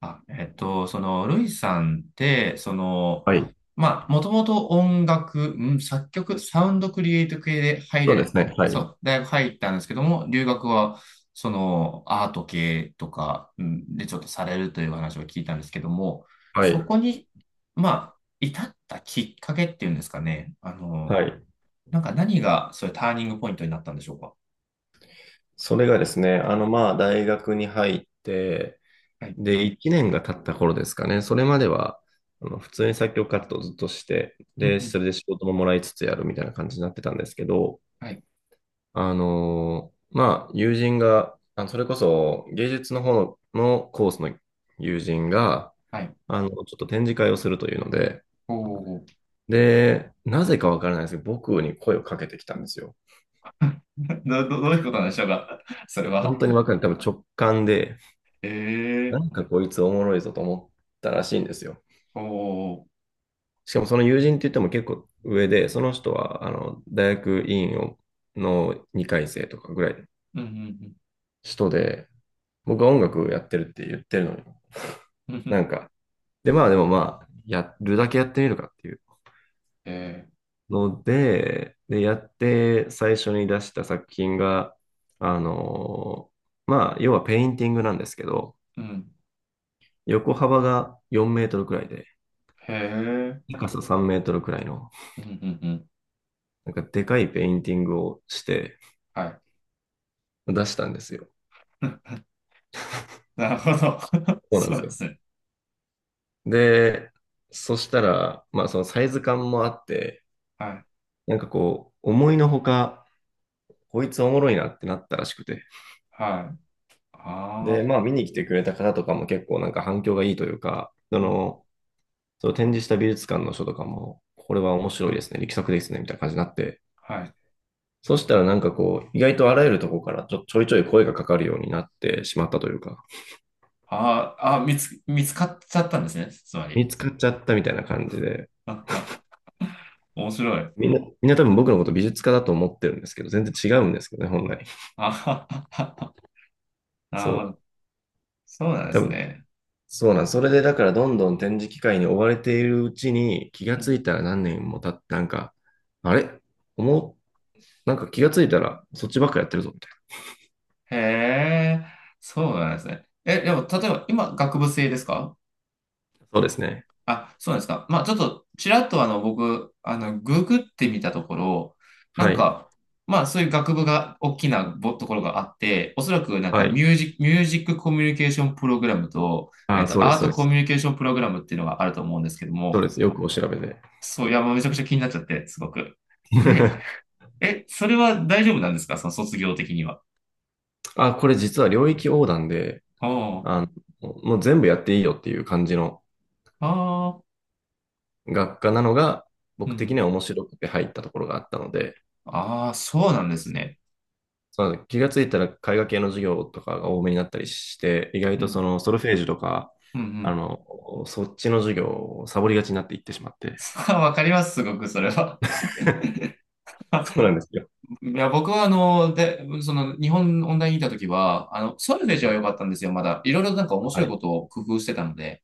ルイさんって、はい。まあ、もともと音楽、ん作曲、サウンドクリエイト系で入そうでれ、すあね。はそい。う、大学入ったんですけども、留学は、その、アート系とか、んでちょっとされるという話を聞いたんですけども、はい。そこに、まあ、至ったきっかけっていうんですかね、はい。何が、そういうターニングポイントになったんでしょうか。それがですね、大学に入って、はい。で、1年が経った頃ですかね。それまでは、普通に作曲活動をずっとして、うんうで、ん。それで仕事ももらいつつやるみたいな感じになってたんですけど、はい。友人が、それこそ芸術の方のコースの友人が、はい。ちょっと展示会をするというので、おお。で、なぜかわからないですけど、僕に声をかけてきたんですよ。どういうことなんでしょうか、そいれや本は。当にわかんない。多分直感で、なええんかこいつおもろいぞと思ったらしいんですよ。ー、おー、しかもその友人って言っても結構上で、その人は大学院をの2回生とかぐらいのうんうん人で、僕はう音ん楽やってるって言ってるのに、うんうなんんか、で、まあでもまあ、やるだけやってみるかっていうえので、で、やって最初に出した作品が、あの要はペインティングなんですけど、ーうん横幅が4メートルくらいで、へえ、高さ3メートルくらいの、うんうんうんなんかでかいペインティングをしてはい、出したんですよ。なるほど。そうなんでそうすでよ。すね。で、そしたら、まあそのサイズ感もあって、はい、なんかこう、思いのほか、こいつおもろいなってなったらしくて。はで、い、あまああ見に来てくれた方とかも結構なんか反響がいいというか、そうん。の、その展示した美術館の書とかも、これは面白いですね、力作ですね、みたいな感じになって、はい、そしたらなんかこう、意外とあらゆるとこからちょいちょい声がかかるようになってしまったというか、あーあー、見つかっちゃったんですね。つま見り。つかっちゃったみたいな感じで、面白い。みんな多分僕のこと美術家だと思ってるんですけど、全然違うんですけどね、本来。あ なそるほど。う。そうなんで多す分、ね。そうなん。それでだからどんどん展示機会に追われているうちに気がうつんいたら何年も経って、なんか、あれ思う、なんか気がついたらそっちばっかやってるぞ、みたいへえ、そうなんですね。え、でも、例えば、今、学部生ですか？な。そうですね。あ、そうなんですか。まあ、ちょっと、ちらっとあの、僕、あの、ググってみたところ、なんはい。か、まあ、そういう学部が大きなところがあって、おそらくなんはかい。ミュージックコミュニケーションプログラムと、えあっあ、と、そうでアす、ーそうトでコミす。ュニケーションプログラムっていうのがあると思うんですけどそうも、です。よくお調べで。そう、いや、もうめちゃくちゃ気になっちゃって、すごく。で、え、それは大丈夫なんですか、その卒業的には？あ、これ実は領域横断で、ああもう全部やっていいよっていう感じのあ、ああ、学科なのが、うん僕う的にん。は面白くて入ったところがあったので、ああ、そうなんですね。そうなんです。気がついたら絵画系の授業とかが多めになったりして、意外うとそん、のソルフェージュとか、うん、うん。そっちの授業をサボりがちになっていってしまっ て。さあ、わかります、すごく、それは。そうなんですよ。いや、僕はあの、で、その、日本オンラインにいたときは、あの、ソルフージは良かったんですよ、まだ。いろいろなんか面白はいこい。とを工夫してたので。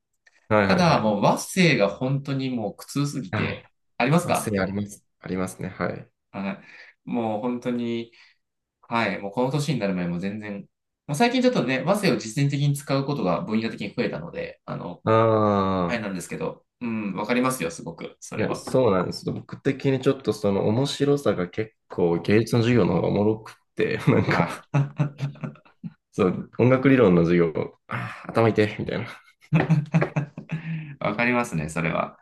はいたはいはだ、い。もう和声が本当にもう苦痛すぎはて、い。あります忘か？れあります。ありますね。はい。はい。もう本当に、はい、もうこの年になる前も全然、まあ、最近ちょっとね、和声を実践的に使うことが分野的に増えたので、あの、あれああ、なんですけど、うん、わかりますよ、すごく、そいれや、は。そうなんですよ。僕的にちょっとその面白さが結構芸術の授業の方がおもろくって、なんはか、い。そう、音楽理論の授業、あー頭痛いみたいな。わかりますね、それは。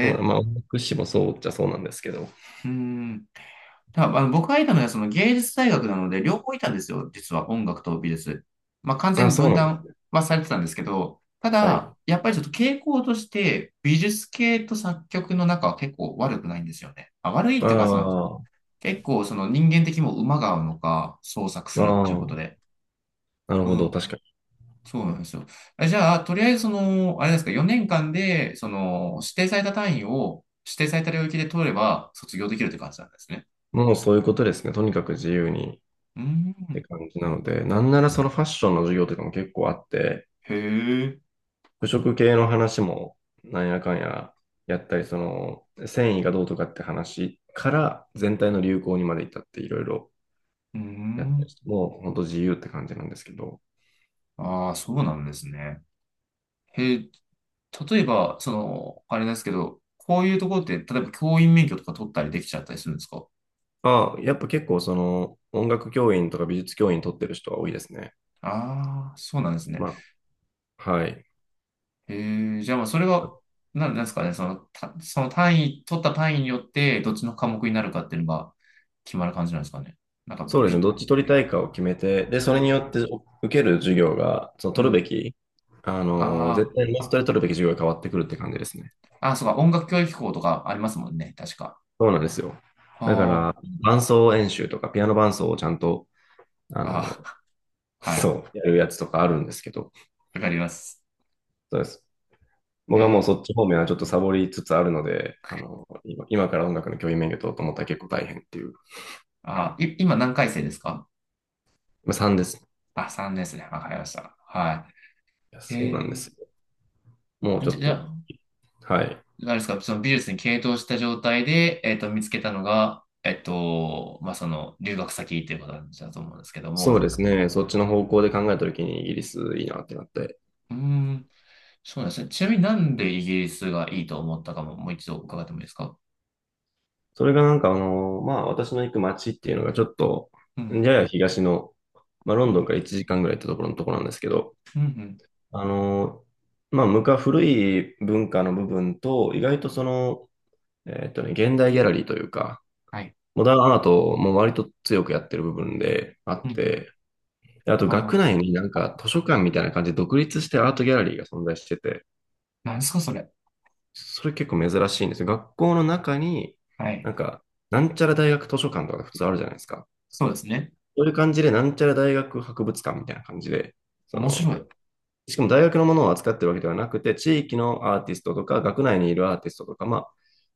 そう、まあ、音楽史もそうっちゃそうなんですけど。ー、うん。あの僕がいたのはその芸術大学なので、両方いたんですよ、実は音楽と美術。まあ、完全あ、にそう分なんで断す。はされてたんですけど、たはい。だ、やっぱりちょっと傾向として、美術系と作曲の中は結構悪くないんですよね。まあ、悪いっあていうか、その、あ、あ結構その人間的にも馬が合うのか、創作するっていうことあ、で。なるうほど、ん。確かに。そうなんですよ。えじゃあ、とりあえずその、あれですか、4年間で、その、指定された単位を、指定された領域で取れば、卒業できるって感じなんですね。もうそういうことですね。とにかく自由にっうん。て感じなので、なんならそのファッションの授業とかも結構あって、へえ。服飾系の話もなんやかんややったり、その繊維がどうとかって話から全体の流行にまで至ったっていろいろうーやったりん。して、もう本当自由って感じなんですけど、ああ、そうなんですね。へえ、例えば、その、あれですけど、こういうところって、例えば教員免許とか取ったりできちゃったりするんですか？ああ、やっぱ結構その音楽教員とか美術教員取ってる人は多いですね。ああ、そうなんですね。まあ、はい。へえ、じゃあまあ、それは、なんなんですかね、その、その取った単位によって、どっちの科目になるかっていうのが決まる感じなんですかね。なんか、そうですね、び、どっち取りたいかを決めて、で、うそれん、によってお受ける授業が、そのう取るべん。き、あ絶対マストで取るべき授業が変わってくるって感じですね。あ、あ、そうか、音楽教育校とかありますもんね、確か。そうなんですよ。だから、は伴奏演習とか、ピアノ伴奏をちゃんと、ああ、の、ああ、はい、そう、やるやつとかあるんですけど、わかります。そうです。へ僕はもうそえっち方面はちょっとサボりつつあるので、今から音楽の教員免許取ろうと思ったら結構大変っていう。あ、い、今何回生ですか？まあ、3です。いあ、3年ですね。わかりました。はやい。そうなんでえすよ。もうー、ちょっじゃと、あ、はい。何ですか、その美術に傾倒した状態で、えっと、見つけたのが、えっと、まあ、その、留学先っていうことなんだと思うんですけどそうも。ですね。そっちの方向で考えたときにイギリスいいなってなって。うーん、そうなんですね。ちなみになんでイギリスがいいと思ったかも、もう一度伺ってもいいですか？それがなんかまあ私の行く街っていうのがちょっと、うん、やや東の、まあロうンドンん、から1時間ぐらい行ってところのところなんですけど、うん、うん。あの、まあ昔古い文化の部分と、意外とその、現代ギャラリーというか、はい。モダンアートも割と強くやってる部分であうっん。て、であとあ学あ、内になんか図書館みたいな感じで独立してアートギャラリーが存在してて、何ですか、それ。それ結構珍しいんですよ。学校の中に、はない。んか、なんちゃら大学図書館とか普通あるじゃないですか。そうですね。そういう感じで、なんちゃら大学博物館みたいな感じで、そ面白の、い。うしかも大学のものを扱ってるわけではなくて、地域のアーティストとか、学内にいるアーティストとか、まあ、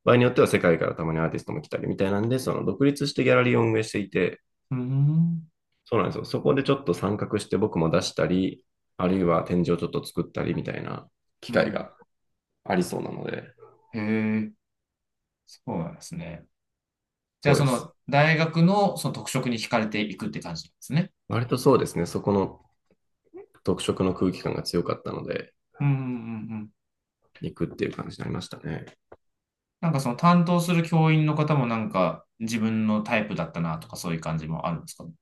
場合によっては世界からたまにアーティストも来たりみたいなんで、その独立してギャラリーを運営していて、ーん。そうなんですよ。そこでちょっと参画して僕も出したり、あるいは展示をちょっと作ったりみたいな機う会ん。がありそうなので、へえ、そうなんですね。じゃあ、そうそです。の、大学のその特色に惹かれていくって感じなんですね。割とそうですね、そこの特色の空気感が強かったので、うんうんうんうん。行くっていう感じになりましたね。なんかその担当する教員の方もなんか自分のタイプだったなとかそういう感じもあるんですかね。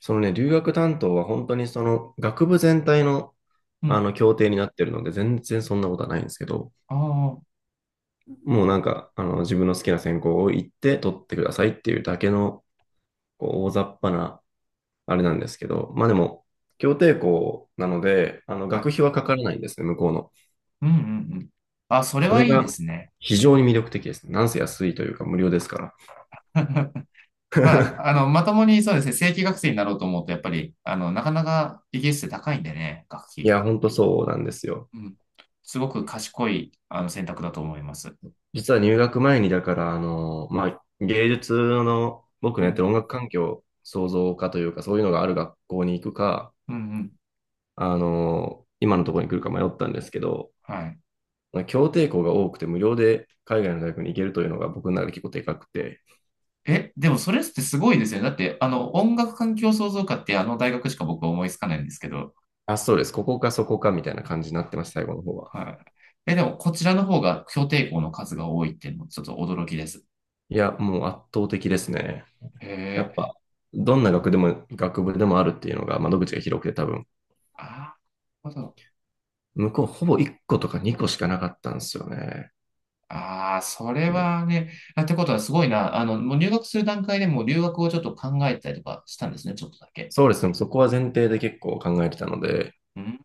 そのね、留学担当は本当にその学部全体のうん。協定になってるので、全然そんなことはないんですけど、ああ、はもうなんか自分の好きな専攻を行って取ってくださいっていうだけのこう大雑把なあれなんですけど、まあでも、協定校なので、学費い。はかからないんですね、向こうの。うんうんうん。あ、それそはれいいでがすね。非常に魅力的ですね。なんせ安いというか無料ですから。まあ、あの、まともにそうですね、正規学生になろうと思うと、やっぱり、あの、なかなかイギリスって高いんでね、学い費。や、ほんとそうなんですよ。うん。すごく賢い、あの、選択だと思います。実は入学前に、だから、まあ、芸術の、僕うのやってん。る音楽環境創造科というか、そういうのがある学校に行くか、うんうん。今のところに来るか迷ったんですけど、はい。まあ協定校が多くて無料で海外の大学に行けるというのが僕の中で結構でかくて、え、でもそれってすごいですよね。だって、あの、音楽環境創造科ってあの大学しか僕は思いつかないんですけど。あ、そうです。ここかそこかみたいな感じになってました、最後の方は。はい。え、でもこちらの方が評定校の数が多いっていうのもちょっと驚きです。いや、もう圧倒的ですね。やへっえ。ぱ、どんな学でも、学部でもあるっていうのが窓口が広くて多分、ああ、なるほど。向こうほぼ1個とか2個しかなかったんですよね。ああ、それはね。あってことはすごいな。あの、もう入学する段階でもう留学をちょっと考えたりとかしたんですね。ちょっとだけ。そうですね。そこは前提で結構考えてたので、うん。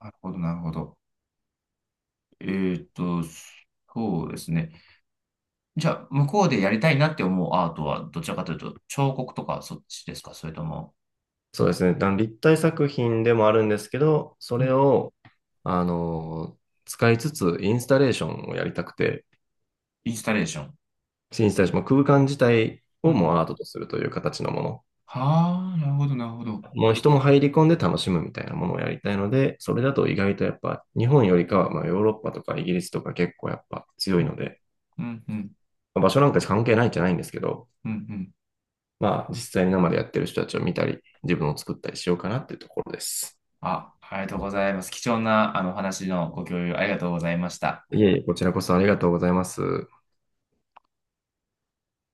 なるほど、なるほど。えーっと、そうですね。じゃあ、向こうでやりたいなって思うアートは、どちらかというと、彫刻とかそっちですか、それとも、そうですね。あの立体作品でもあるんですけど、そうれん、を、あの、使いつつインスタレーションをやりたくて、インスタレーション。インスタレーション、まあ空間自体うをもん。うアートとするという形のもの。はあ、なるほど、なるほど。もう人も入り込んで楽しむみたいなものをやりたいので、それだと意外とやっぱ日本よりかは、まあ、ヨーロッパとかイギリスとか結構やっぱ強ういん、ので、うん、うん、まあ場所なんか関係ないんじゃないんですけど、うん、うん。まあ実際に生でやってる人たちを見たり、自分を作ったりしようかなっていうところです。あ、ありがとうございます。貴重なあのお話のご共有ありがとうございました。いえいえ、こちらこそありがとうございます。